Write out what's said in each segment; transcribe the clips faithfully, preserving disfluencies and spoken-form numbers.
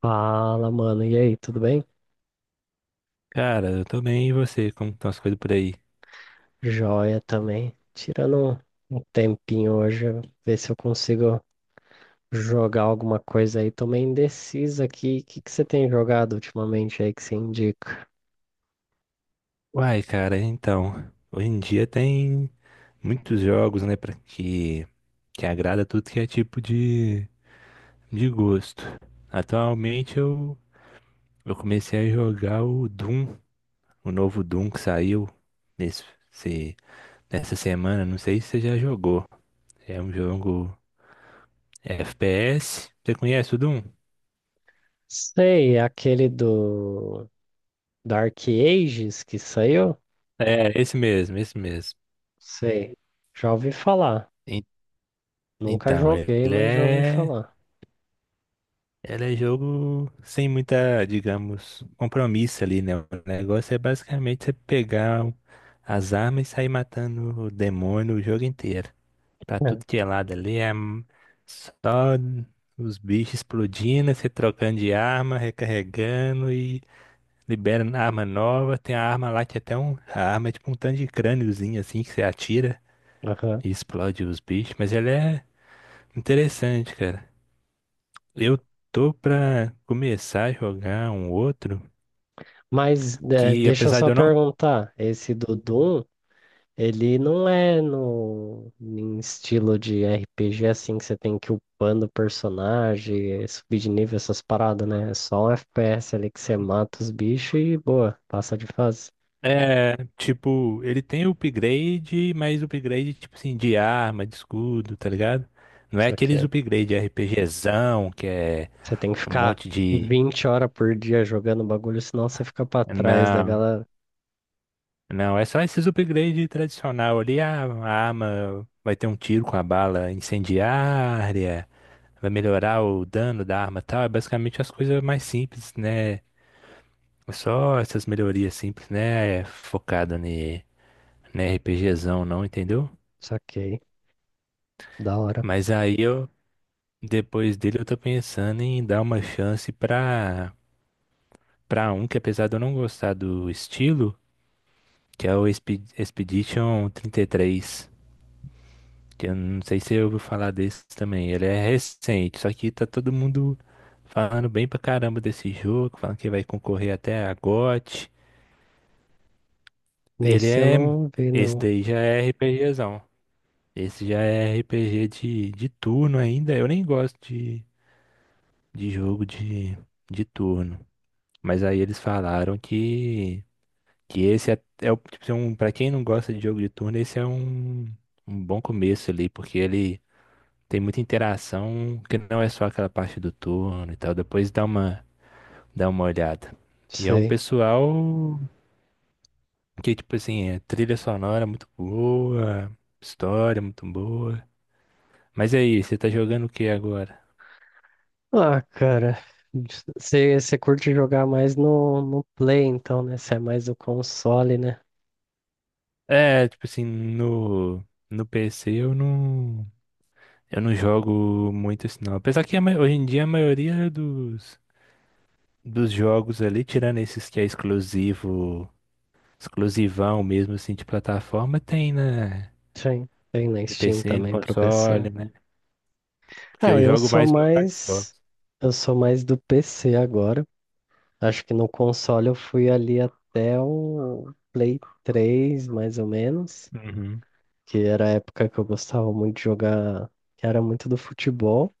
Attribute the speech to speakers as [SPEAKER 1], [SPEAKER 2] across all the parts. [SPEAKER 1] Fala, mano. E aí, tudo bem?
[SPEAKER 2] Cara, eu tô bem, e você? Como estão as coisas por aí?
[SPEAKER 1] Joia também. Tirando um, um tempinho hoje, ver se eu consigo jogar alguma coisa aí. Tô meio indeciso aqui. O que que você tem jogado ultimamente aí que você indica?
[SPEAKER 2] Uai, cara, então, hoje em dia tem muitos jogos, né, pra que, que agrada tudo que é tipo de, de gosto. Atualmente eu, eu comecei a jogar o Doom, o novo Doom que saiu nesse, se- nessa semana, não sei se você já jogou. É um jogo F P S, você conhece o Doom?
[SPEAKER 1] Sei, aquele do Dark Ages que saiu?
[SPEAKER 2] É, esse mesmo, esse mesmo.
[SPEAKER 1] Sei. Já ouvi falar.
[SPEAKER 2] En-
[SPEAKER 1] Nunca
[SPEAKER 2] Então, ele
[SPEAKER 1] joguei, mas já ouvi
[SPEAKER 2] é
[SPEAKER 1] falar.
[SPEAKER 2] Ela é jogo sem muita, digamos, compromisso ali, né? O negócio é basicamente você pegar o- as armas e sair matando o demônio o jogo inteiro. Pra
[SPEAKER 1] É.
[SPEAKER 2] tudo que é lado ali, é m- só os bichos explodindo, você trocando de arma, recarregando e liberando arma nova. Tem a arma lá que é até um, a arma é tipo um tanto de crâniozinho assim que você atira
[SPEAKER 1] Aham.
[SPEAKER 2] e explode os bichos, mas ela é interessante, cara. Eu tô pra começar a jogar um outro
[SPEAKER 1] Mas eh,
[SPEAKER 2] que,
[SPEAKER 1] deixa eu
[SPEAKER 2] apesar
[SPEAKER 1] só
[SPEAKER 2] de eu não.
[SPEAKER 1] perguntar, esse do Doom. Ele não é no, em estilo de R P G assim que você tem que ir upando o personagem, eh, subir de nível, essas paradas, né? É só um F P S ali que você mata os bichos e boa, passa de fase.
[SPEAKER 2] É, tipo, ele tem upgrade, mas upgrade, tipo assim, de arma, de escudo, tá ligado? Não é
[SPEAKER 1] Só
[SPEAKER 2] aqueles
[SPEAKER 1] que
[SPEAKER 2] upgrade RPGzão, que é
[SPEAKER 1] você tem que
[SPEAKER 2] um
[SPEAKER 1] ficar
[SPEAKER 2] monte de.
[SPEAKER 1] vinte horas por dia jogando o bagulho, senão você fica pra trás da
[SPEAKER 2] Não,
[SPEAKER 1] galera.
[SPEAKER 2] não, é só esses upgrade tradicional ali. A a arma vai ter um tiro com a bala incendiária, vai melhorar o dano da arma e tal. É basicamente as coisas mais simples, né? É só essas melhorias simples, né? É focada ne, né, RPGzão, não, entendeu?
[SPEAKER 1] Saquei, da hora.
[SPEAKER 2] Mas aí eu, depois dele, eu tô pensando em dar uma chance pra, pra um que, apesar de eu não gostar do estilo, que é o Expe- Expedition trinta e três. Que eu não sei se você ouviu falar desse também. Ele é recente, só que tá todo mundo falando bem pra caramba desse jogo, falando que vai concorrer até a gote. Ele
[SPEAKER 1] Nesse eu
[SPEAKER 2] é.
[SPEAKER 1] não vi,
[SPEAKER 2] Esse
[SPEAKER 1] não.
[SPEAKER 2] daí já é RPGzão. Esse já é R P G de, de turno ainda. Eu nem gosto de, de jogo de, de turno. Mas aí eles falaram que, que esse é, é o, tipo, assim, um, para quem não gosta de jogo de turno, esse é um, um bom começo ali, porque ele tem muita interação, que não é só aquela parte do turno e tal. Depois dá uma, dá uma olhada. E é um
[SPEAKER 1] Sei.
[SPEAKER 2] pessoal que, tipo assim, é trilha sonora muito boa, história muito boa. Mas e aí, você tá jogando o que agora?
[SPEAKER 1] Ah, cara. Você curte jogar mais no, no Play, então, né? Você é mais do console, né?
[SPEAKER 2] É, tipo assim, no, no P C eu não, eu não jogo muito isso não. Apesar que a ma- hoje em dia a maioria dos, dos jogos ali, tirando esses que é exclusivo, exclusivão mesmo assim de plataforma, tem né,
[SPEAKER 1] Sim, tem na
[SPEAKER 2] no
[SPEAKER 1] Steam
[SPEAKER 2] P C, no
[SPEAKER 1] também pra P C.
[SPEAKER 2] console, né? Porque
[SPEAKER 1] Ah,
[SPEAKER 2] eu
[SPEAKER 1] eu
[SPEAKER 2] jogo
[SPEAKER 1] sou
[SPEAKER 2] mais no
[SPEAKER 1] mais.
[SPEAKER 2] Xbox.
[SPEAKER 1] Eu sou mais do P C agora. Acho que no console eu fui ali até o Play três, mais ou menos.
[SPEAKER 2] Uhum.
[SPEAKER 1] Que era a época que eu gostava muito de jogar, que era muito do futebol.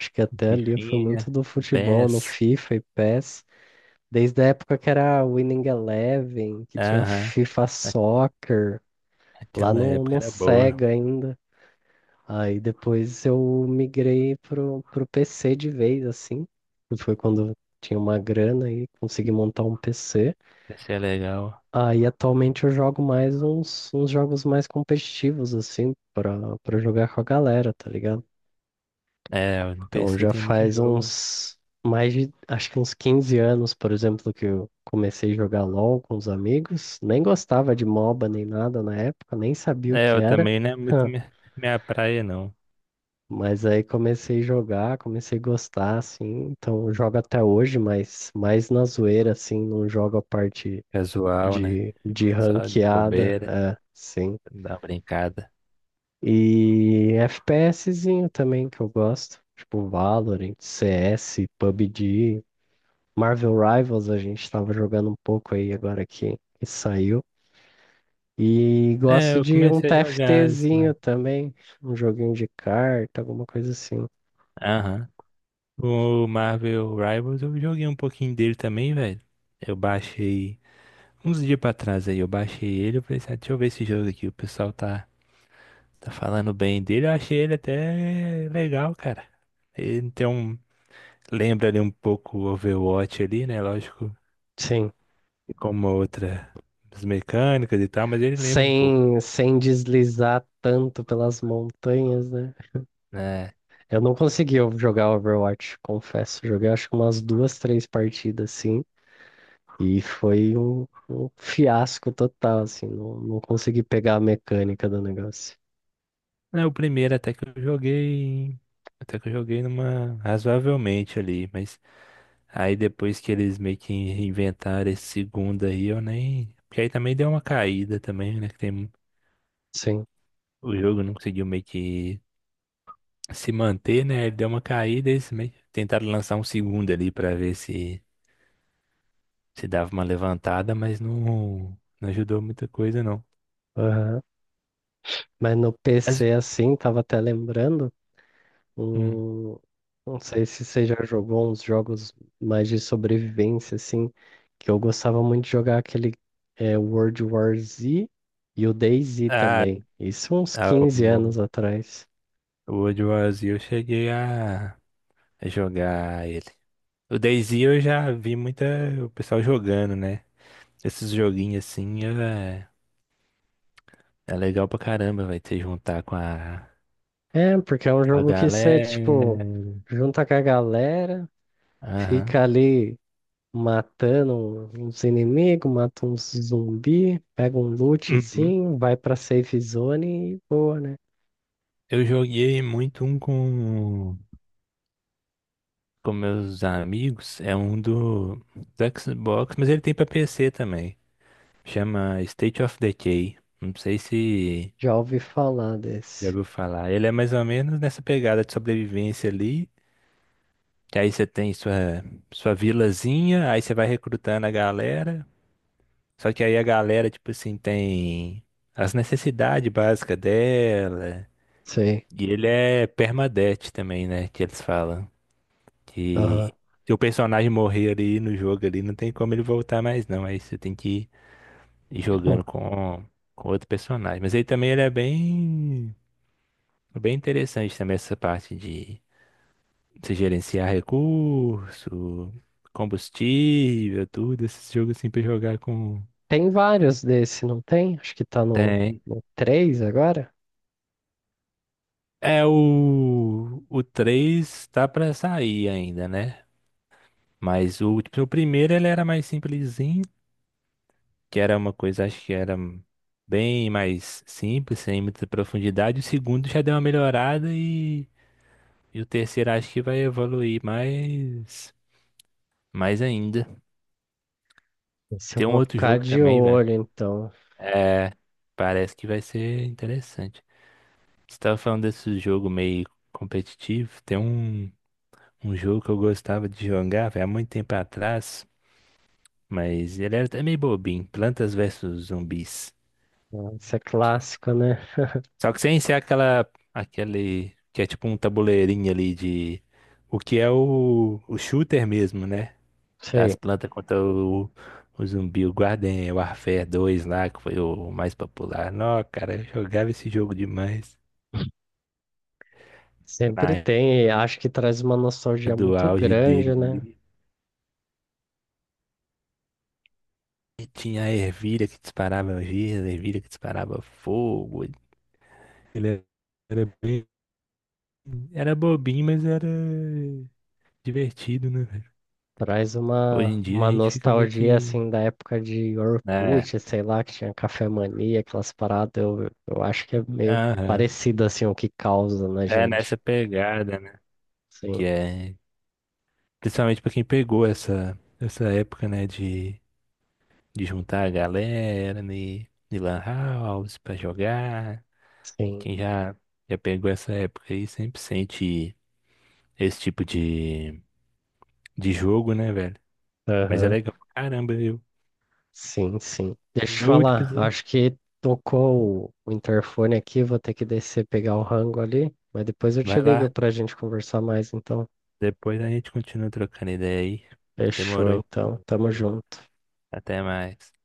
[SPEAKER 1] Acho que até ali eu fui
[SPEAKER 2] Fifinha,
[SPEAKER 1] muito do futebol, no
[SPEAKER 2] P E S,
[SPEAKER 1] FIFA e PES. Desde a época que era Winning Eleven, que tinha
[SPEAKER 2] aham.
[SPEAKER 1] FIFA
[SPEAKER 2] A-
[SPEAKER 1] Soccer, lá
[SPEAKER 2] Aquela
[SPEAKER 1] no,
[SPEAKER 2] época
[SPEAKER 1] no
[SPEAKER 2] era boa,
[SPEAKER 1] Sega ainda. Aí depois eu migrei pro, pro P C de vez, assim, que foi quando eu tinha uma grana e consegui montar um P C.
[SPEAKER 2] P C é legal.
[SPEAKER 1] Aí atualmente eu jogo mais uns, uns jogos mais competitivos, assim, pra, pra jogar com a galera, tá ligado?
[SPEAKER 2] É, no
[SPEAKER 1] Então
[SPEAKER 2] P C
[SPEAKER 1] já
[SPEAKER 2] tem muito
[SPEAKER 1] faz
[SPEAKER 2] jogo.
[SPEAKER 1] uns, mais de, acho que uns quinze anos, por exemplo, que eu comecei a jogar LoL com os amigos. Nem gostava de MOBA nem nada na época, nem sabia o
[SPEAKER 2] É,
[SPEAKER 1] que
[SPEAKER 2] eu
[SPEAKER 1] era.
[SPEAKER 2] também não é muito minha, minha praia, não.
[SPEAKER 1] Mas aí comecei a jogar, comecei a gostar, assim, então eu jogo até hoje, mas mais na zoeira, assim, não jogo a parte
[SPEAKER 2] Casual, né?
[SPEAKER 1] de, de
[SPEAKER 2] Só de
[SPEAKER 1] ranqueada,
[SPEAKER 2] bobeira,
[SPEAKER 1] é, sim.
[SPEAKER 2] dar uma brincada.
[SPEAKER 1] E FPSzinho também que eu gosto, tipo Valorant, C S, PUBG, Marvel Rivals a gente tava jogando um pouco aí agora que, que saiu. E
[SPEAKER 2] É,
[SPEAKER 1] gosto
[SPEAKER 2] eu
[SPEAKER 1] de um
[SPEAKER 2] comecei a jogar isso,
[SPEAKER 1] TFTzinho
[SPEAKER 2] mano.
[SPEAKER 1] também, um joguinho de carta, alguma coisa assim.
[SPEAKER 2] Aham. O Marvel Rivals, eu joguei um pouquinho dele também, velho. Eu baixei uns dias pra trás aí, eu baixei ele, eu pensei, ah, deixa eu ver esse jogo aqui, o pessoal tá, tá falando bem dele, eu achei ele até legal, cara. Ele tem um, lembra ali um pouco o Overwatch ali, né? Lógico
[SPEAKER 1] Sim.
[SPEAKER 2] e com uma outra as mecânicas e tal, mas ele lembra um pouco.
[SPEAKER 1] Sem, sem deslizar tanto pelas montanhas, né?
[SPEAKER 2] É,
[SPEAKER 1] Eu não consegui eu jogar Overwatch, confesso. Joguei acho que umas duas, três partidas, assim, e foi um, um fiasco total, assim. Não, não consegui pegar a mecânica do negócio.
[SPEAKER 2] é o primeiro até que eu joguei, até que eu joguei numa razoavelmente ali, mas aí depois que eles meio que inventaram esse segundo aí, eu nem, porque aí também deu uma caída também, né, que tem
[SPEAKER 1] Sim.
[SPEAKER 2] o jogo não conseguiu meio que se manter, né? Ele deu uma caída, eles meio que tentaram lançar um segundo ali pra ver se se dava uma levantada, mas não não ajudou muita coisa não.
[SPEAKER 1] Aham. Mas no
[SPEAKER 2] Mas
[SPEAKER 1] P C, assim, tava até lembrando.
[SPEAKER 2] hum,
[SPEAKER 1] Hum, não sei se você já jogou uns jogos mais de sobrevivência, assim, que eu gostava muito de jogar aquele é, World War Z e o DayZ
[SPEAKER 2] ah,
[SPEAKER 1] também. Isso uns
[SPEAKER 2] ah,
[SPEAKER 1] quinze
[SPEAKER 2] o-
[SPEAKER 1] anos atrás.
[SPEAKER 2] o World War eu cheguei a a jogar ele. O DayZ eu já vi muita o pessoal jogando, né? Esses joguinhos assim é, é legal pra caramba, vai ter juntar com a,
[SPEAKER 1] É, porque é um
[SPEAKER 2] com a
[SPEAKER 1] jogo que você,
[SPEAKER 2] galera.
[SPEAKER 1] tipo, junta com a galera,
[SPEAKER 2] Aham.
[SPEAKER 1] fica ali matando uns inimigos, mata uns zumbi, pega um
[SPEAKER 2] Uhum.
[SPEAKER 1] lootzinho, vai pra safe zone e boa, né?
[SPEAKER 2] Eu joguei muito um com, com meus amigos, é um do, do Xbox, mas ele tem pra P C também. Chama State of Decay. Não sei se
[SPEAKER 1] Já ouvi falar
[SPEAKER 2] já
[SPEAKER 1] desse.
[SPEAKER 2] ouviu falar. Ele é mais ou menos nessa pegada de sobrevivência ali. Que aí você tem sua, sua vilazinha, aí você vai recrutando a galera. Só que aí a galera, tipo assim, tem as necessidades básicas dela.
[SPEAKER 1] Sei.
[SPEAKER 2] E ele é permadeath também, né? Que eles falam. Que se o personagem morrer ali no jogo ali, não tem como ele voltar mais, não. Aí você tem que ir
[SPEAKER 1] Hum.
[SPEAKER 2] jogando com, com outro personagem. Mas aí também ele é bem, bem interessante também essa parte de você gerenciar recurso, combustível, tudo, esses jogos assim pra jogar com.
[SPEAKER 1] Tem vários desse, não tem? Acho que tá no,
[SPEAKER 2] Tem.
[SPEAKER 1] no três agora.
[SPEAKER 2] É o. O três tá pra sair ainda, né? Mas o, tipo, o primeiro ele era mais simplesinho, que era uma coisa, acho que era bem mais simples, sem muita profundidade. O segundo já deu uma melhorada e, e o terceiro acho que vai evoluir mais, mais ainda.
[SPEAKER 1] Esse eu
[SPEAKER 2] Tem um
[SPEAKER 1] vou
[SPEAKER 2] outro
[SPEAKER 1] ficar
[SPEAKER 2] jogo
[SPEAKER 1] de
[SPEAKER 2] também, velho.
[SPEAKER 1] olho, então.
[SPEAKER 2] É, parece que vai ser interessante. Você tava falando desse jogo meio competitivo. Tem um, um jogo que eu gostava de jogar, velho, há muito tempo atrás, mas ele era até meio bobinho. Plantas versus Zumbis.
[SPEAKER 1] Isso é clássico, né?
[SPEAKER 2] Só que sem ser aquela, aquele, que é tipo um tabuleirinho ali de, o que é o, o shooter mesmo, né? Das
[SPEAKER 1] Sei.
[SPEAKER 2] plantas contra o, o zumbi, o Garden Warfare dois lá, que foi o mais popular. Não, cara, eu jogava esse jogo demais. Na
[SPEAKER 1] Sempre
[SPEAKER 2] época
[SPEAKER 1] tem, e acho que traz uma nostalgia
[SPEAKER 2] do
[SPEAKER 1] muito
[SPEAKER 2] auge
[SPEAKER 1] grande, né?
[SPEAKER 2] dele. E tinha a ervilha que disparava giz, a ervilha que disparava fogo. Ele era bem... Era bobinho, mas era divertido, né, velho?
[SPEAKER 1] Traz
[SPEAKER 2] Hoje
[SPEAKER 1] uma,
[SPEAKER 2] em dia a
[SPEAKER 1] uma
[SPEAKER 2] gente fica meio
[SPEAKER 1] nostalgia,
[SPEAKER 2] que...
[SPEAKER 1] assim, da época de
[SPEAKER 2] É,
[SPEAKER 1] Orkut, sei lá, que tinha Café Mania, aquelas paradas. Eu, eu acho que é meio
[SPEAKER 2] aham.
[SPEAKER 1] parecido, assim, o que causa na
[SPEAKER 2] É
[SPEAKER 1] gente.
[SPEAKER 2] nessa pegada, né?
[SPEAKER 1] Sim,
[SPEAKER 2] Que é... Principalmente pra quem pegou essa, essa época, né, de, de juntar a galera, né, de lan house pra jogar.
[SPEAKER 1] sim.
[SPEAKER 2] Quem já, já pegou essa época aí sempre sente esse tipo de, de jogo, né, velho? Mas é
[SPEAKER 1] Aham.
[SPEAKER 2] legal pra caramba, viu?
[SPEAKER 1] Sim, sim. Deixa eu te
[SPEAKER 2] Eu, tipo
[SPEAKER 1] falar,
[SPEAKER 2] assim,
[SPEAKER 1] acho que tocou o o interfone aqui, vou ter que descer pegar o rango ali, mas depois eu te
[SPEAKER 2] vai
[SPEAKER 1] ligo
[SPEAKER 2] lá.
[SPEAKER 1] pra gente conversar mais, então.
[SPEAKER 2] Depois a gente continua trocando ideia aí.
[SPEAKER 1] Fechou,
[SPEAKER 2] Demorou.
[SPEAKER 1] então. Tamo junto.
[SPEAKER 2] Até mais.